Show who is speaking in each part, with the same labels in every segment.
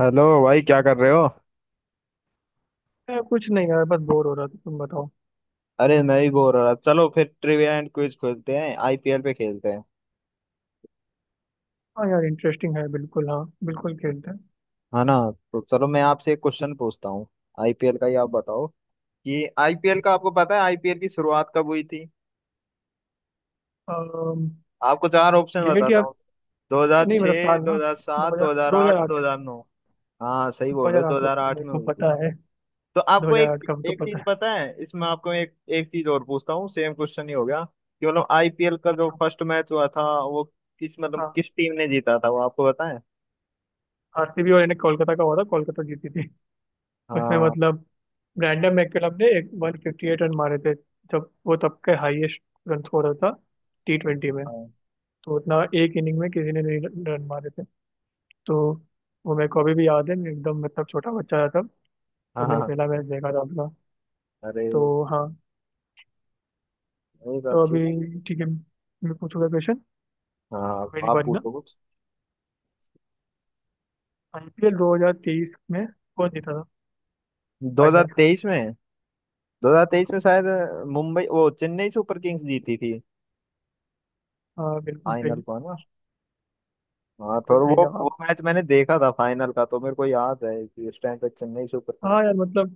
Speaker 1: Hello भाई, क्या कर रहे हो?
Speaker 2: यार कुछ नहीं, यार बस बोर हो रहा था। तुम बताओ।
Speaker 1: अरे, मैं भी बोर हो रहा। चलो, फिर ट्रिविया एंड क्विज खेलते हैं, आईपीएल पे खेलते हैं,
Speaker 2: हाँ यार, इंटरेस्टिंग है, बिल्कुल। हाँ बिल्कुल खेलते
Speaker 1: है ना? तो चलो, मैं आपसे एक क्वेश्चन पूछता हूँ, आईपीएल का ही। आप बताओ कि आईपीएल का आपको पता है, आईपीएल की शुरुआत कब हुई थी?
Speaker 2: हैं।
Speaker 1: आपको चार ऑप्शन
Speaker 2: डेट
Speaker 1: बताता
Speaker 2: या?
Speaker 1: हूँ:
Speaker 2: नहीं मतलब
Speaker 1: 2006,
Speaker 2: साल ना। दो
Speaker 1: 2007,
Speaker 2: हजार दो
Speaker 1: 2008,
Speaker 2: हजार आठ।
Speaker 1: 2009। हाँ, सही
Speaker 2: दो
Speaker 1: बोल रहे
Speaker 2: हजार
Speaker 1: हो,
Speaker 2: आठ हुआ था,
Speaker 1: 2008
Speaker 2: मेरे
Speaker 1: में
Speaker 2: को
Speaker 1: हुई थी।
Speaker 2: पता है।
Speaker 1: तो
Speaker 2: दो
Speaker 1: आपको
Speaker 2: हजार
Speaker 1: एक
Speaker 2: आठ का तो
Speaker 1: एक
Speaker 2: पता
Speaker 1: चीज
Speaker 2: है।
Speaker 1: पता है इसमें। आपको एक एक चीज और पूछता हूँ। सेम क्वेश्चन ही हो गया कि मतलब आईपीएल का जो
Speaker 2: अच्छा।
Speaker 1: फर्स्ट मैच हुआ था वो
Speaker 2: हाँ,
Speaker 1: किस टीम ने जीता था, वो आपको पता है?
Speaker 2: आरसीबी और यानी कोलकाता का हुआ था, कोलकाता जीती थी। उसमें
Speaker 1: हाँ,
Speaker 2: मतलब ब्रैंडम मैकलम ने एक 158 रन मारे थे। जब वो तब के हाईएस्ट रन स्कोरर था टी ट्वेंटी में।
Speaker 1: हाँ,
Speaker 2: तो उतना एक इनिंग में किसी ने नहीं रन रन मारे थे। तो वो मेरे को अभी भी याद है, मैं एकदम मतलब छोटा बच्चा था।
Speaker 1: हाँ,
Speaker 2: और मैंने
Speaker 1: हाँ।
Speaker 2: पहला मैच देखा था अपना।
Speaker 1: अरे ये
Speaker 2: तो हाँ।
Speaker 1: तो
Speaker 2: तो
Speaker 1: अच्छी बात।
Speaker 2: अभी ठीक है, मैं पूछूंगा क्वेश्चन।
Speaker 1: हाँ,
Speaker 2: मेरी
Speaker 1: आप
Speaker 2: बारी ना।
Speaker 1: पूछो कुछ।
Speaker 2: आईपीएल 2023 में कौन जीता था फाइनल?
Speaker 1: 2023 में? शायद मुंबई वो चेन्नई सुपर किंग्स जीती थी
Speaker 2: हाँ, बिल्कुल
Speaker 1: फाइनल
Speaker 2: सही।
Speaker 1: को, है ना? हाँ,
Speaker 2: बिल्कुल
Speaker 1: थोड़ा
Speaker 2: सही
Speaker 1: वो
Speaker 2: जवाब।
Speaker 1: मैच मैंने देखा था फाइनल का, तो मेरे को याद है कि उस टाइम पे चेन्नई सुपर किंग्स।
Speaker 2: हाँ यार मतलब।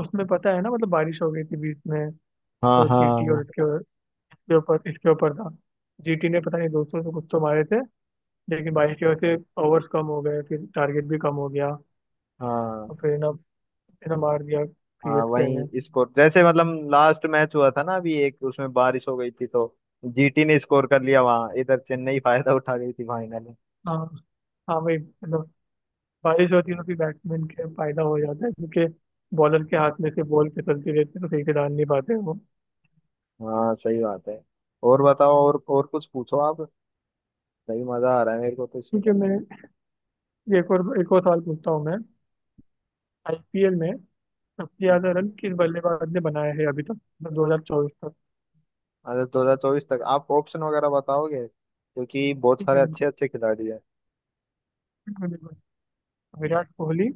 Speaker 2: उसमें पता है ना, मतलब बारिश हो गई थी बीच में।
Speaker 1: हाँ
Speaker 2: तो जीटी और
Speaker 1: हाँ,
Speaker 2: इसके इसके ऊपर था। जीटी ने पता नहीं 200 से कुछ तो मारे थे, लेकिन बारिश की वजह से ओवर्स कम हो गए, फिर टारगेट भी कम हो गया। और
Speaker 1: हाँ।
Speaker 2: फिर ना मार दिया
Speaker 1: हाँ,
Speaker 2: सीएसके ने।
Speaker 1: वही स्कोर जैसे, मतलब लास्ट मैच हुआ था ना अभी एक, उसमें बारिश हो गई थी, तो जीटी ने स्कोर कर लिया वहां, इधर चेन्नई फायदा उठा गई थी फाइनल में।
Speaker 2: हाँ, हाँ भाई मतलब, बारिश होती है तो फिर बैट्समैन के फायदा हो जाता है, क्योंकि बॉलर के हाथ में से बॉल फिसलती रहती है, तो सही से डाल नहीं पाते वो।
Speaker 1: हाँ, सही बात है। और बताओ, और कुछ पूछो आप। सही मजा आ रहा है मेरे को तो इसमें।
Speaker 2: ठीक है, मैं ये एक और सवाल पूछता हूँ मैं। आईपीएल में सबसे
Speaker 1: हम्म,
Speaker 2: ज्यादा रन किस बल्लेबाज ने बनाया है अभी तक, मतलब 2024 तक?
Speaker 1: अच्छा, 2024 तक? आप ऑप्शन वगैरह बताओगे, क्योंकि बहुत
Speaker 2: ठीक
Speaker 1: सारे
Speaker 2: है,
Speaker 1: अच्छे
Speaker 2: बिल्कुल
Speaker 1: अच्छे खिलाड़ी हैं।
Speaker 2: बिल्कुल बिल्कुल। विराट कोहली,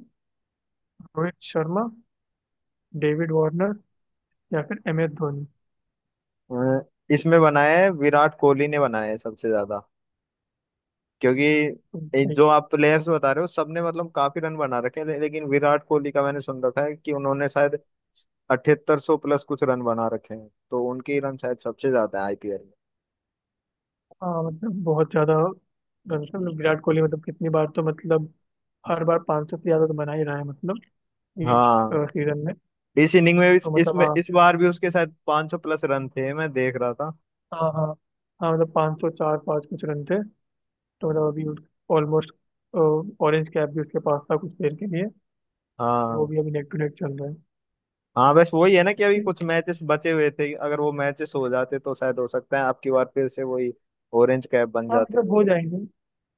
Speaker 2: रोहित शर्मा, डेविड वार्नर, या फिर एम एस धोनी।
Speaker 1: अ, इसमें बनाया है, विराट कोहली ने बनाया है सबसे ज्यादा। क्योंकि
Speaker 2: तो
Speaker 1: ये
Speaker 2: कहीं-
Speaker 1: जो आप प्लेयर्स बता रहे हो, सबने मतलब काफी रन बना रखे हैं, लेकिन विराट कोहली का मैंने सुन रखा है कि उन्होंने शायद 7800 प्लस कुछ रन बना रखे हैं, तो उनके रन शायद सबसे ज्यादा है आईपीएल में।
Speaker 2: हाँ मतलब बहुत ज्यादा रन से, मतलब विराट कोहली मतलब कितनी बार तो मतलब हर बार 500 से ज्यादा तो बना ही रहा है मतलब, ये
Speaker 1: हाँ,
Speaker 2: सीजन में।
Speaker 1: इस इनिंग में
Speaker 2: तो
Speaker 1: भी,
Speaker 2: मतलब
Speaker 1: इसमें
Speaker 2: हाँ,
Speaker 1: इस बार भी उसके शायद 500 प्लस रन थे, मैं देख रहा था।
Speaker 2: हाँ, हाँ। हाँ मतलब 500 चार पाँच कुछ रन थे। तो मतलब अभी ऑलमोस्ट ऑरेंज कैप भी उसके पास था कुछ देर के लिए। वो
Speaker 1: हाँ,
Speaker 2: भी अभी नेक टू नेक चल रहा है।
Speaker 1: हाँ, बस वही है ना, कि अभी कुछ
Speaker 2: ठीक।
Speaker 1: मैचेस बचे हुए थे, अगर वो मैचेस हो जाते तो शायद हो सकता है आपकी बार फिर से वही ऑरेंज कैप बन
Speaker 2: हाँ
Speaker 1: जाते।
Speaker 2: मतलब हो जाएंगे।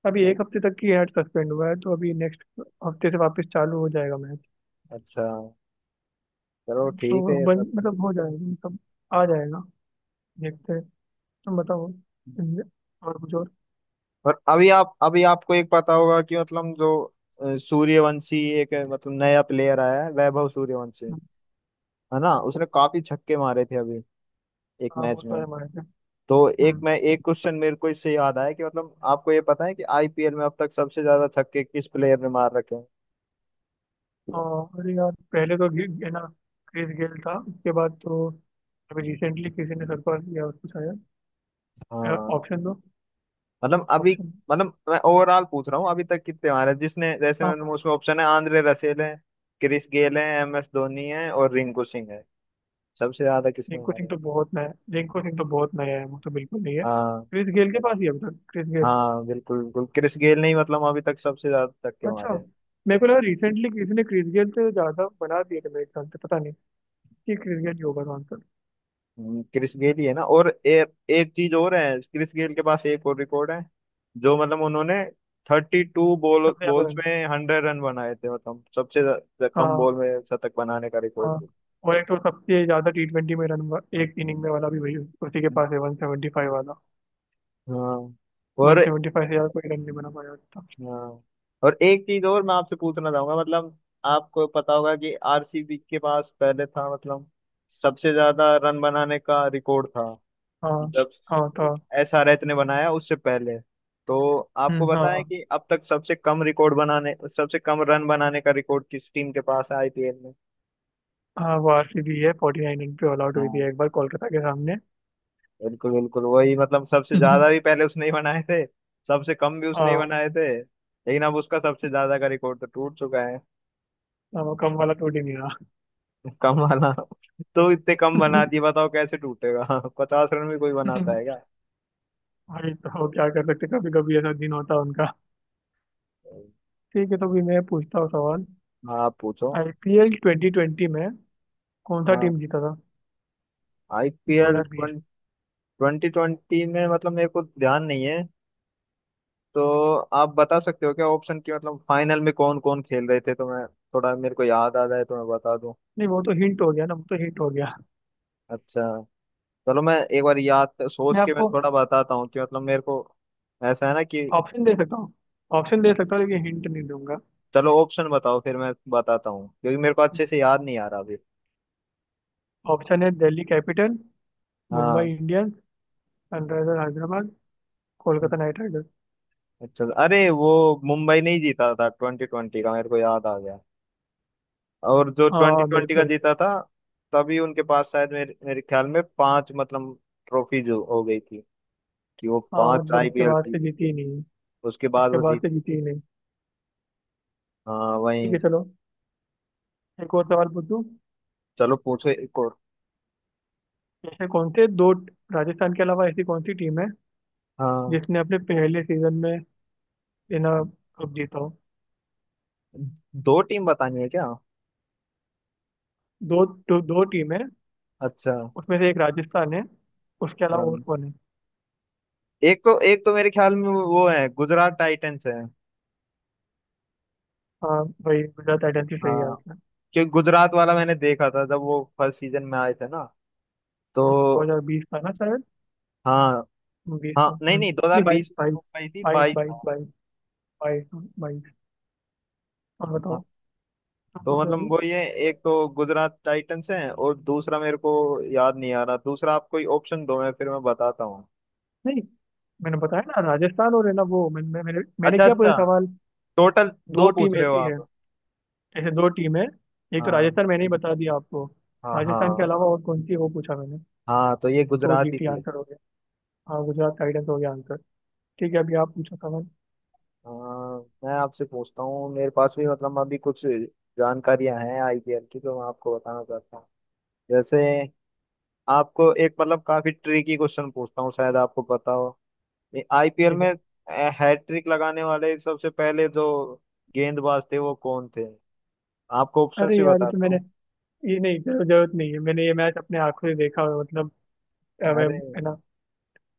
Speaker 2: अभी एक हफ्ते तक की हैट सस्पेंड हुआ है, तो अभी नेक्स्ट हफ्ते से वापस चालू हो जाएगा मैच।
Speaker 1: अच्छा, चलो, ठीक है
Speaker 2: तो
Speaker 1: ये
Speaker 2: बन
Speaker 1: सब।
Speaker 2: मतलब हो जाएगा मतलब, आ जाएगा, देखते हैं। तुम बताओ इंडिया और कुछ और।
Speaker 1: और अभी आप, अभी आपको एक पता होगा कि मतलब जो सूर्यवंशी, एक मतलब नया प्लेयर आया है, वैभव सूर्यवंशी, है ना?
Speaker 2: हाँ,
Speaker 1: उसने काफी छक्के मारे थे अभी एक
Speaker 2: हाँ,
Speaker 1: मैच
Speaker 2: बहुत
Speaker 1: में।
Speaker 2: सारे मारे थे।
Speaker 1: तो एक,
Speaker 2: हम्म।
Speaker 1: मैं एक क्वेश्चन मेरे को इससे याद आया कि मतलब आपको ये पता है कि आईपीएल में अब तक सबसे ज्यादा छक्के किस प्लेयर ने मार रखे हैं?
Speaker 2: हाँ, अरे यार पहले तो ये ना, क्रिस गेल था, उसके बाद तो अभी रिसेंटली किसी ने सरपास किया उसको शायद।
Speaker 1: हाँ,
Speaker 2: ऑप्शन दो।
Speaker 1: मतलब अभी,
Speaker 2: ऑप्शन।
Speaker 1: मतलब मैं ओवरऑल पूछ रहा हूँ अभी तक कितने मारे हैं? जिसने, जैसे
Speaker 2: हाँ,
Speaker 1: मैंने
Speaker 2: पता नहीं।
Speaker 1: उसमें ऑप्शन है: आंद्रे रसेल है, क्रिस गेल है, एम एस धोनी है और रिंकू सिंह है। सबसे ज्यादा किसने
Speaker 2: रिंकू सिंह
Speaker 1: मारे?
Speaker 2: तो बहुत नया, रिंकू सिंह तो बहुत नया है, वो तो बिल्कुल नहीं है।
Speaker 1: हाँ,
Speaker 2: क्रिस गेल के पास ही है अब तक, क्रिस गेल।
Speaker 1: हाँ, बिल्कुल, बिल्कुल, क्रिस गेल ने ही मतलब अभी तक सबसे ज्यादा छक्के
Speaker 2: अच्छा,
Speaker 1: मारे हैं।
Speaker 2: मेरे को लगा रिसेंटली किसी ने क्रिस गेल से ज़्यादा बना दिए थे मेरे ख्याल से, पता नहीं कि क्रिस गेल ही होगा तो आंसर।
Speaker 1: क्रिस गेल ही है, ना? और एक चीज और है, क्रिस गेल के पास एक और रिकॉर्ड है, जो मतलब उन्होंने 32 बॉल
Speaker 2: सबसे ज़्यादा
Speaker 1: बॉल्स
Speaker 2: रन।
Speaker 1: में 100 रन बनाए थे, मतलब सबसे ज्या- ज्या- कम
Speaker 2: हाँ।
Speaker 1: बॉल में शतक बनाने का रिकॉर्ड
Speaker 2: हाँ।
Speaker 1: है।
Speaker 2: और एक तो सबसे ज़्यादा टी ट्वेंटी में रन एक इनिंग में वाला भी वही उसी के पास है, 175 वाला।
Speaker 1: हाँ, और
Speaker 2: 175 से यार कोई रन नहीं बना पाया था।
Speaker 1: हाँ, और एक चीज और मैं आपसे पूछना चाहूंगा, मतलब आपको पता होगा कि आरसीबी के पास पहले था मतलब सबसे ज्यादा रन बनाने का रिकॉर्ड, था
Speaker 2: हाँ।
Speaker 1: जब
Speaker 2: हाँ था।
Speaker 1: एसआरएच ने बनाया उससे पहले। तो आपको बताएं
Speaker 2: हाँ।
Speaker 1: कि अब तक सबसे कम रन बनाने का रिकॉर्ड किस टीम के पास है आईपीएल में?
Speaker 2: हाँ, वो आरसीबी है, 49 रन पे ऑल आउट हुई
Speaker 1: हाँ,
Speaker 2: थी एक बार कोलकाता के सामने।
Speaker 1: बिल्कुल, बिल्कुल, वही मतलब सबसे ज्यादा भी पहले उसने ही बनाए थे, सबसे कम भी उसने ही
Speaker 2: हाँ,
Speaker 1: बनाए थे, लेकिन अब उसका सबसे ज्यादा का रिकॉर्ड तो टूट चुका है।
Speaker 2: हाँ, वो कम वाला टूट ही नहीं रहा।
Speaker 1: कम वाला, तो इतने कम बना दिए, बताओ कैसे टूटेगा? 50 रन भी कोई बनाता है क्या?
Speaker 2: भाई तो क्या कर सकते, कभी कभी ऐसा दिन होता है उनका। ठीक है, तो भी मैं पूछता हूँ सवाल।
Speaker 1: हाँ, आप पूछो।
Speaker 2: आईपीएल 2020 में कौन सा
Speaker 1: हाँ,
Speaker 2: टीम जीता था? दो
Speaker 1: आईपीएल
Speaker 2: हजार बीस
Speaker 1: 2020 में मतलब मेरे को ध्यान नहीं है, तो आप बता सकते हो क्या ऑप्शन, की मतलब फाइनल में कौन कौन खेल रहे थे, तो मैं थोड़ा, मेरे को याद आ जाए तो मैं बता दूं।
Speaker 2: नहीं, वो तो हिंट हो गया ना, वो तो हिंट हो गया।
Speaker 1: अच्छा, चलो, मैं एक बार सोच
Speaker 2: मैं
Speaker 1: के मैं
Speaker 2: आपको
Speaker 1: थोड़ा बताता हूँ कि मतलब मेरे को ऐसा है ना कि।
Speaker 2: ऑप्शन दे सकता हूँ, ऑप्शन दे सकता हूँ, लेकिन हिंट नहीं दूंगा।
Speaker 1: चलो, ऑप्शन बताओ फिर मैं बताता हूँ, क्योंकि मेरे को अच्छे से याद नहीं आ रहा अभी।
Speaker 2: ऑप्शन है, दिल्ली कैपिटल, मुंबई
Speaker 1: हाँ,
Speaker 2: Indians, Sunriser Hyderabad, Kolkata
Speaker 1: hmm,
Speaker 2: Knight Riders.
Speaker 1: अच्छा, अरे वो मुंबई नहीं जीता था 2020 का, मेरे को याद आ गया। और जो ट्वेंटी
Speaker 2: हाँ,
Speaker 1: ट्वेंटी का
Speaker 2: बिल्कुल।
Speaker 1: जीता था, तभी उनके पास शायद मेरे मेरे ख्याल में पांच मतलब ट्रॉफी जो हो गई थी, कि वो
Speaker 2: हाँ
Speaker 1: पांच
Speaker 2: मतलब उसके
Speaker 1: आईपीएल
Speaker 2: बाद से
Speaker 1: जीत
Speaker 2: जीती
Speaker 1: के
Speaker 2: ही नहीं,
Speaker 1: उसके बाद
Speaker 2: उसके
Speaker 1: वो
Speaker 2: बाद से
Speaker 1: जीती।
Speaker 2: जीती ही नहीं।
Speaker 1: हाँ, वही।
Speaker 2: ठीक है चलो, एक और सवाल पूछूं।
Speaker 1: चलो, पूछो एक और।
Speaker 2: ऐसे कौन से दो, राजस्थान के अलावा ऐसी कौन सी टीम है
Speaker 1: हाँ,
Speaker 2: जिसने अपने पहले सीजन में बिना कप जीता हो?
Speaker 1: दो टीम बतानी है क्या?
Speaker 2: दो दो, दो टीम है।
Speaker 1: अच्छा,
Speaker 2: उसमें से एक राजस्थान है, उसके अलावा और
Speaker 1: हाँ,
Speaker 2: कौन है?
Speaker 1: एक तो मेरे ख्याल में वो है गुजरात टाइटंस है।
Speaker 2: हाँ, वही गुजरात टाइटंस ही सही
Speaker 1: हाँ,
Speaker 2: आंसर है।
Speaker 1: क्योंकि गुजरात वाला मैंने देखा था जब वो फर्स्ट सीजन में आए थे, ना? तो
Speaker 2: 2020 था ना शायद।
Speaker 1: हाँ,
Speaker 2: बीस था,
Speaker 1: हाँ, नहीं,
Speaker 2: हम्म।
Speaker 1: नहीं,
Speaker 2: नहीं, बाईस
Speaker 1: 2020
Speaker 2: बाईस,
Speaker 1: में आई थी,
Speaker 2: बाईस
Speaker 1: 22
Speaker 2: बाईस
Speaker 1: था।
Speaker 2: बाईस, बाईस बाईस। और
Speaker 1: हाँ,
Speaker 2: बताओ, तुम
Speaker 1: तो
Speaker 2: पूछो
Speaker 1: मतलब
Speaker 2: अभी।
Speaker 1: वो ये, एक तो गुजरात टाइटंस है, और दूसरा मेरे को याद नहीं आ रहा। दूसरा आप कोई ऑप्शन दो, मैं फिर मैं बताता हूँ।
Speaker 2: नहीं, मैंने बताया ना राजस्थान, और है ना वो, मैंने
Speaker 1: अच्छा,
Speaker 2: क्या
Speaker 1: अच्छा।
Speaker 2: पूछा सवाल?
Speaker 1: टोटल
Speaker 2: दो
Speaker 1: दो पूछ
Speaker 2: टीम
Speaker 1: रहे हो
Speaker 2: ऐसी है,
Speaker 1: आप?
Speaker 2: ऐसे दो टीम है। एक तो
Speaker 1: हाँ,
Speaker 2: राजस्थान मैंने ही बता दिया आपको।
Speaker 1: हाँ,
Speaker 2: राजस्थान के
Speaker 1: हाँ,
Speaker 2: अलावा और कौन सी है, वो पूछा मैंने।
Speaker 1: हाँ, तो ये
Speaker 2: तो
Speaker 1: गुजराती
Speaker 2: जीटी
Speaker 1: थी।
Speaker 2: आंसर हो गया। हाँ, गुजरात टाइटंस हो गया आंसर। ठीक है अभी आप पूछो सवाल।
Speaker 1: आ, मैं आपसे पूछता हूँ। मेरे पास भी मतलब अभी कुछ जानकारियां हैं आईपीएल की, तो मैं आपको बताना चाहता हूँ। जैसे आपको एक, मतलब काफी ट्रिकी क्वेश्चन पूछता हूँ, शायद आपको पता हो। आईपीएल
Speaker 2: ठीक
Speaker 1: में
Speaker 2: है,
Speaker 1: हैट्रिक लगाने वाले सबसे पहले जो गेंदबाज थे, वो कौन थे? आपको ऑप्शन
Speaker 2: अरे
Speaker 1: भी
Speaker 2: यार ये तो
Speaker 1: बताता
Speaker 2: मैंने
Speaker 1: हूँ।
Speaker 2: ये नहीं जरूरत नहीं है, मैंने ये मैच अपने आंखों से देखा हुआ है, मतलब मैं,
Speaker 1: अरे,
Speaker 2: है ना,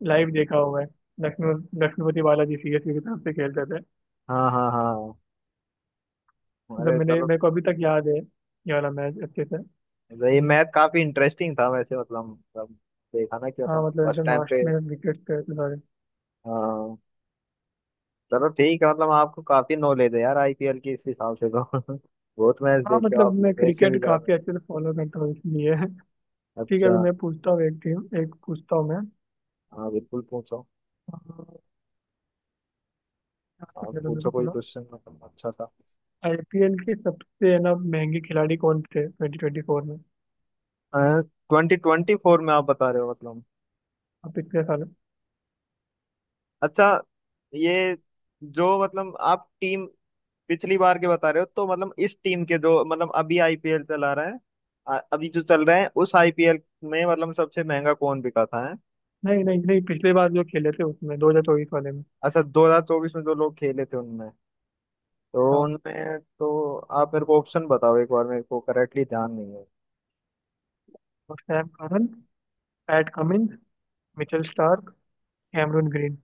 Speaker 2: लाइव देखा हुआ है। लक्ष्मी लक्ष्मीपति बालाजी सीएसके की तरफ से खेलते थे।
Speaker 1: हाँ, हाँ, हाँ।
Speaker 2: मतलब
Speaker 1: अरे
Speaker 2: मैंने,
Speaker 1: चलो,
Speaker 2: मेरे को अभी तक याद है ये वाला मैच अच्छे से।
Speaker 1: ये मैथ काफी इंटरेस्टिंग था वैसे, मतलब देखा ना कि
Speaker 2: हाँ
Speaker 1: मतलब
Speaker 2: मतलब
Speaker 1: फर्स्ट
Speaker 2: एकदम
Speaker 1: टाइम
Speaker 2: लास्ट
Speaker 1: पे।
Speaker 2: में विकेट गए थे सारे।
Speaker 1: हाँ, चलो, ठीक है, मतलब आपको काफी नॉलेज है यार आईपीएल की, इस हिसाब से तो बहुत मैच
Speaker 2: हाँ
Speaker 1: देखते हो
Speaker 2: मतलब
Speaker 1: आप
Speaker 2: मैं
Speaker 1: तो, मेरे से
Speaker 2: क्रिकेट
Speaker 1: भी ज्यादा।
Speaker 2: काफी अच्छे से फॉलो करता हूँ इसलिए। ठीक है अभी
Speaker 1: अच्छा।
Speaker 2: मैं पूछता हूँ, एक टीम एक पूछता हूँ मैं।
Speaker 1: हाँ, बिल्कुल, पूछो।
Speaker 2: अह, याद
Speaker 1: आप
Speaker 2: करने दो
Speaker 1: पूछो
Speaker 2: मेरे को
Speaker 1: कोई
Speaker 2: थोड़ा।
Speaker 1: क्वेश्चन, मतलब अच्छा था।
Speaker 2: आईपीएल के सबसे है ना महंगे खिलाड़ी कौन थे 2024 में?
Speaker 1: 2024 में आप बता रहे हो मतलब?
Speaker 2: अब पिछले साल।
Speaker 1: अच्छा, ये जो मतलब आप टीम पिछली बार के बता रहे हो, तो मतलब इस टीम के, जो मतलब अभी आईपीएल चला रहा है, अभी जो चल रहा है उस आईपीएल में, मतलब सबसे महंगा कौन बिका था, है?
Speaker 2: नहीं नहीं नहीं, पिछले बार जो खेले थे उसमें, 2024 वाले में।
Speaker 1: अच्छा, 2024 में जो लोग खेले थे उनमें, तो
Speaker 2: हाँ,
Speaker 1: उनमें तो आप मेरे को ऑप्शन बताओ एक बार, मेरे को करेक्टली ध्यान नहीं है।
Speaker 2: और Sam Curran, Pat Cummins, Mitchell Starc, Cameron green.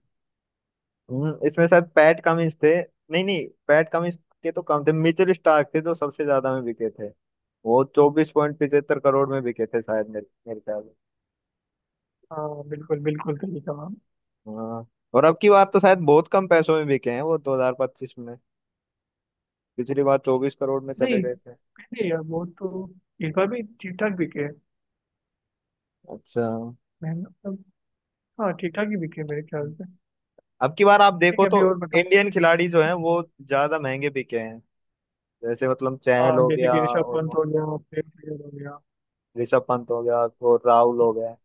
Speaker 1: इसमें शायद पैट कमिंस थे, नहीं, नहीं, पैट कमिंस के तो कम थे। मिचेल स्टार्क थे जो सबसे ज्यादा में बिके थे। वो 24.75 करोड़ में बिके थे शायद, मेरे मेरे ख्याल में।
Speaker 2: हाँ बिल्कुल, बिल्कुल सही जवाब।
Speaker 1: हाँ। और अब की बार तो शायद बहुत कम पैसों में बिके हैं वो 2025 में। पिछली बार 24 करोड़ में चले
Speaker 2: नहीं
Speaker 1: गए थे।
Speaker 2: नहीं यार, वो तो इस बार भी ठीक ठाक बिके हैं।
Speaker 1: अच्छा।
Speaker 2: महंगा। हाँ, ठीक ठाक ही बिके मेरे ख्याल से।
Speaker 1: अब की बार आप
Speaker 2: ठीक
Speaker 1: देखो
Speaker 2: है
Speaker 1: तो,
Speaker 2: अभी और बताओ।
Speaker 1: इंडियन खिलाड़ी जो हैं वो ज्यादा महंगे बिके हैं, जैसे मतलब चहल
Speaker 2: हाँ
Speaker 1: हो
Speaker 2: जैसे
Speaker 1: गया,
Speaker 2: कि ऋषभ
Speaker 1: और
Speaker 2: पंत
Speaker 1: वो
Speaker 2: हो गया, प्लेयर प्लेयर हो गया।
Speaker 1: ऋषभ पंत हो गया, और राहुल हो गया।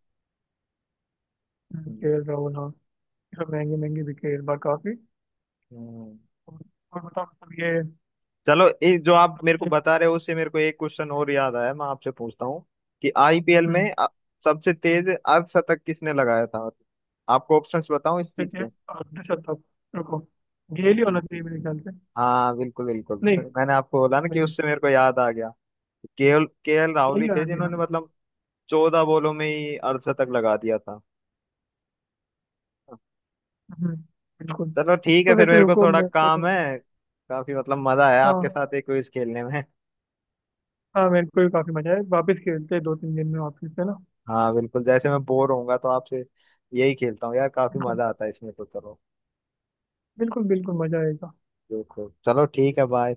Speaker 1: हम्म।
Speaker 2: के एल राहुल, हाँ। ये सब महंगे महंगे बिके इस बार काफी।
Speaker 1: हम्म।
Speaker 2: और, और बताओ मतलब ये।
Speaker 1: चलो, ये जो आप मेरे को बता रहे हो उससे मेरे को एक क्वेश्चन और याद आया, मैं आपसे पूछता हूँ कि आईपीएल में
Speaker 2: हम्म,
Speaker 1: सबसे तेज अर्धशतक किसने लगाया था? आपको ऑप्शंस बताऊं इस चीज
Speaker 2: जैसे,
Speaker 1: के?
Speaker 2: ऋषभ तक, रुको। गेल ही होना चाहिए मेरे ख्याल से।
Speaker 1: हाँ, बिल्कुल, बिल्कुल,
Speaker 2: नहीं
Speaker 1: मैंने आपको बोला ना कि
Speaker 2: नहीं।
Speaker 1: उससे मेरे को याद आ गया। केएल केएल राहुल
Speaker 2: गेल ही
Speaker 1: ही थे
Speaker 2: होना चाहिए, हाँ।
Speaker 1: जिन्होंने मतलब 14 बॉलों में ही 68 तक लगा दिया था।
Speaker 2: हम्म, बिल्कुल।
Speaker 1: चलो, ठीक है
Speaker 2: तो
Speaker 1: फिर,
Speaker 2: वैसे
Speaker 1: मेरे को
Speaker 2: रुको
Speaker 1: थोड़ा
Speaker 2: मेरे
Speaker 1: काम
Speaker 2: को।
Speaker 1: है। काफी मतलब मजा आया आपके
Speaker 2: हाँ,
Speaker 1: साथ एक क्विज खेलने में।
Speaker 2: हाँ मेरे को भी काफी मजा आया, वापस खेलते हैं दो तीन दिन में, वापस है ना।
Speaker 1: हाँ, बिल्कुल, जैसे मैं बोर होऊंगा तो आपसे यही खेलता हूँ यार, काफी
Speaker 2: बिल्कुल,
Speaker 1: मजा आता है इसमें, तो चलो,
Speaker 2: बिल्कुल बिल्कुल मजा आएगा।
Speaker 1: बिल्कुल। चलो, ठीक है, बाय।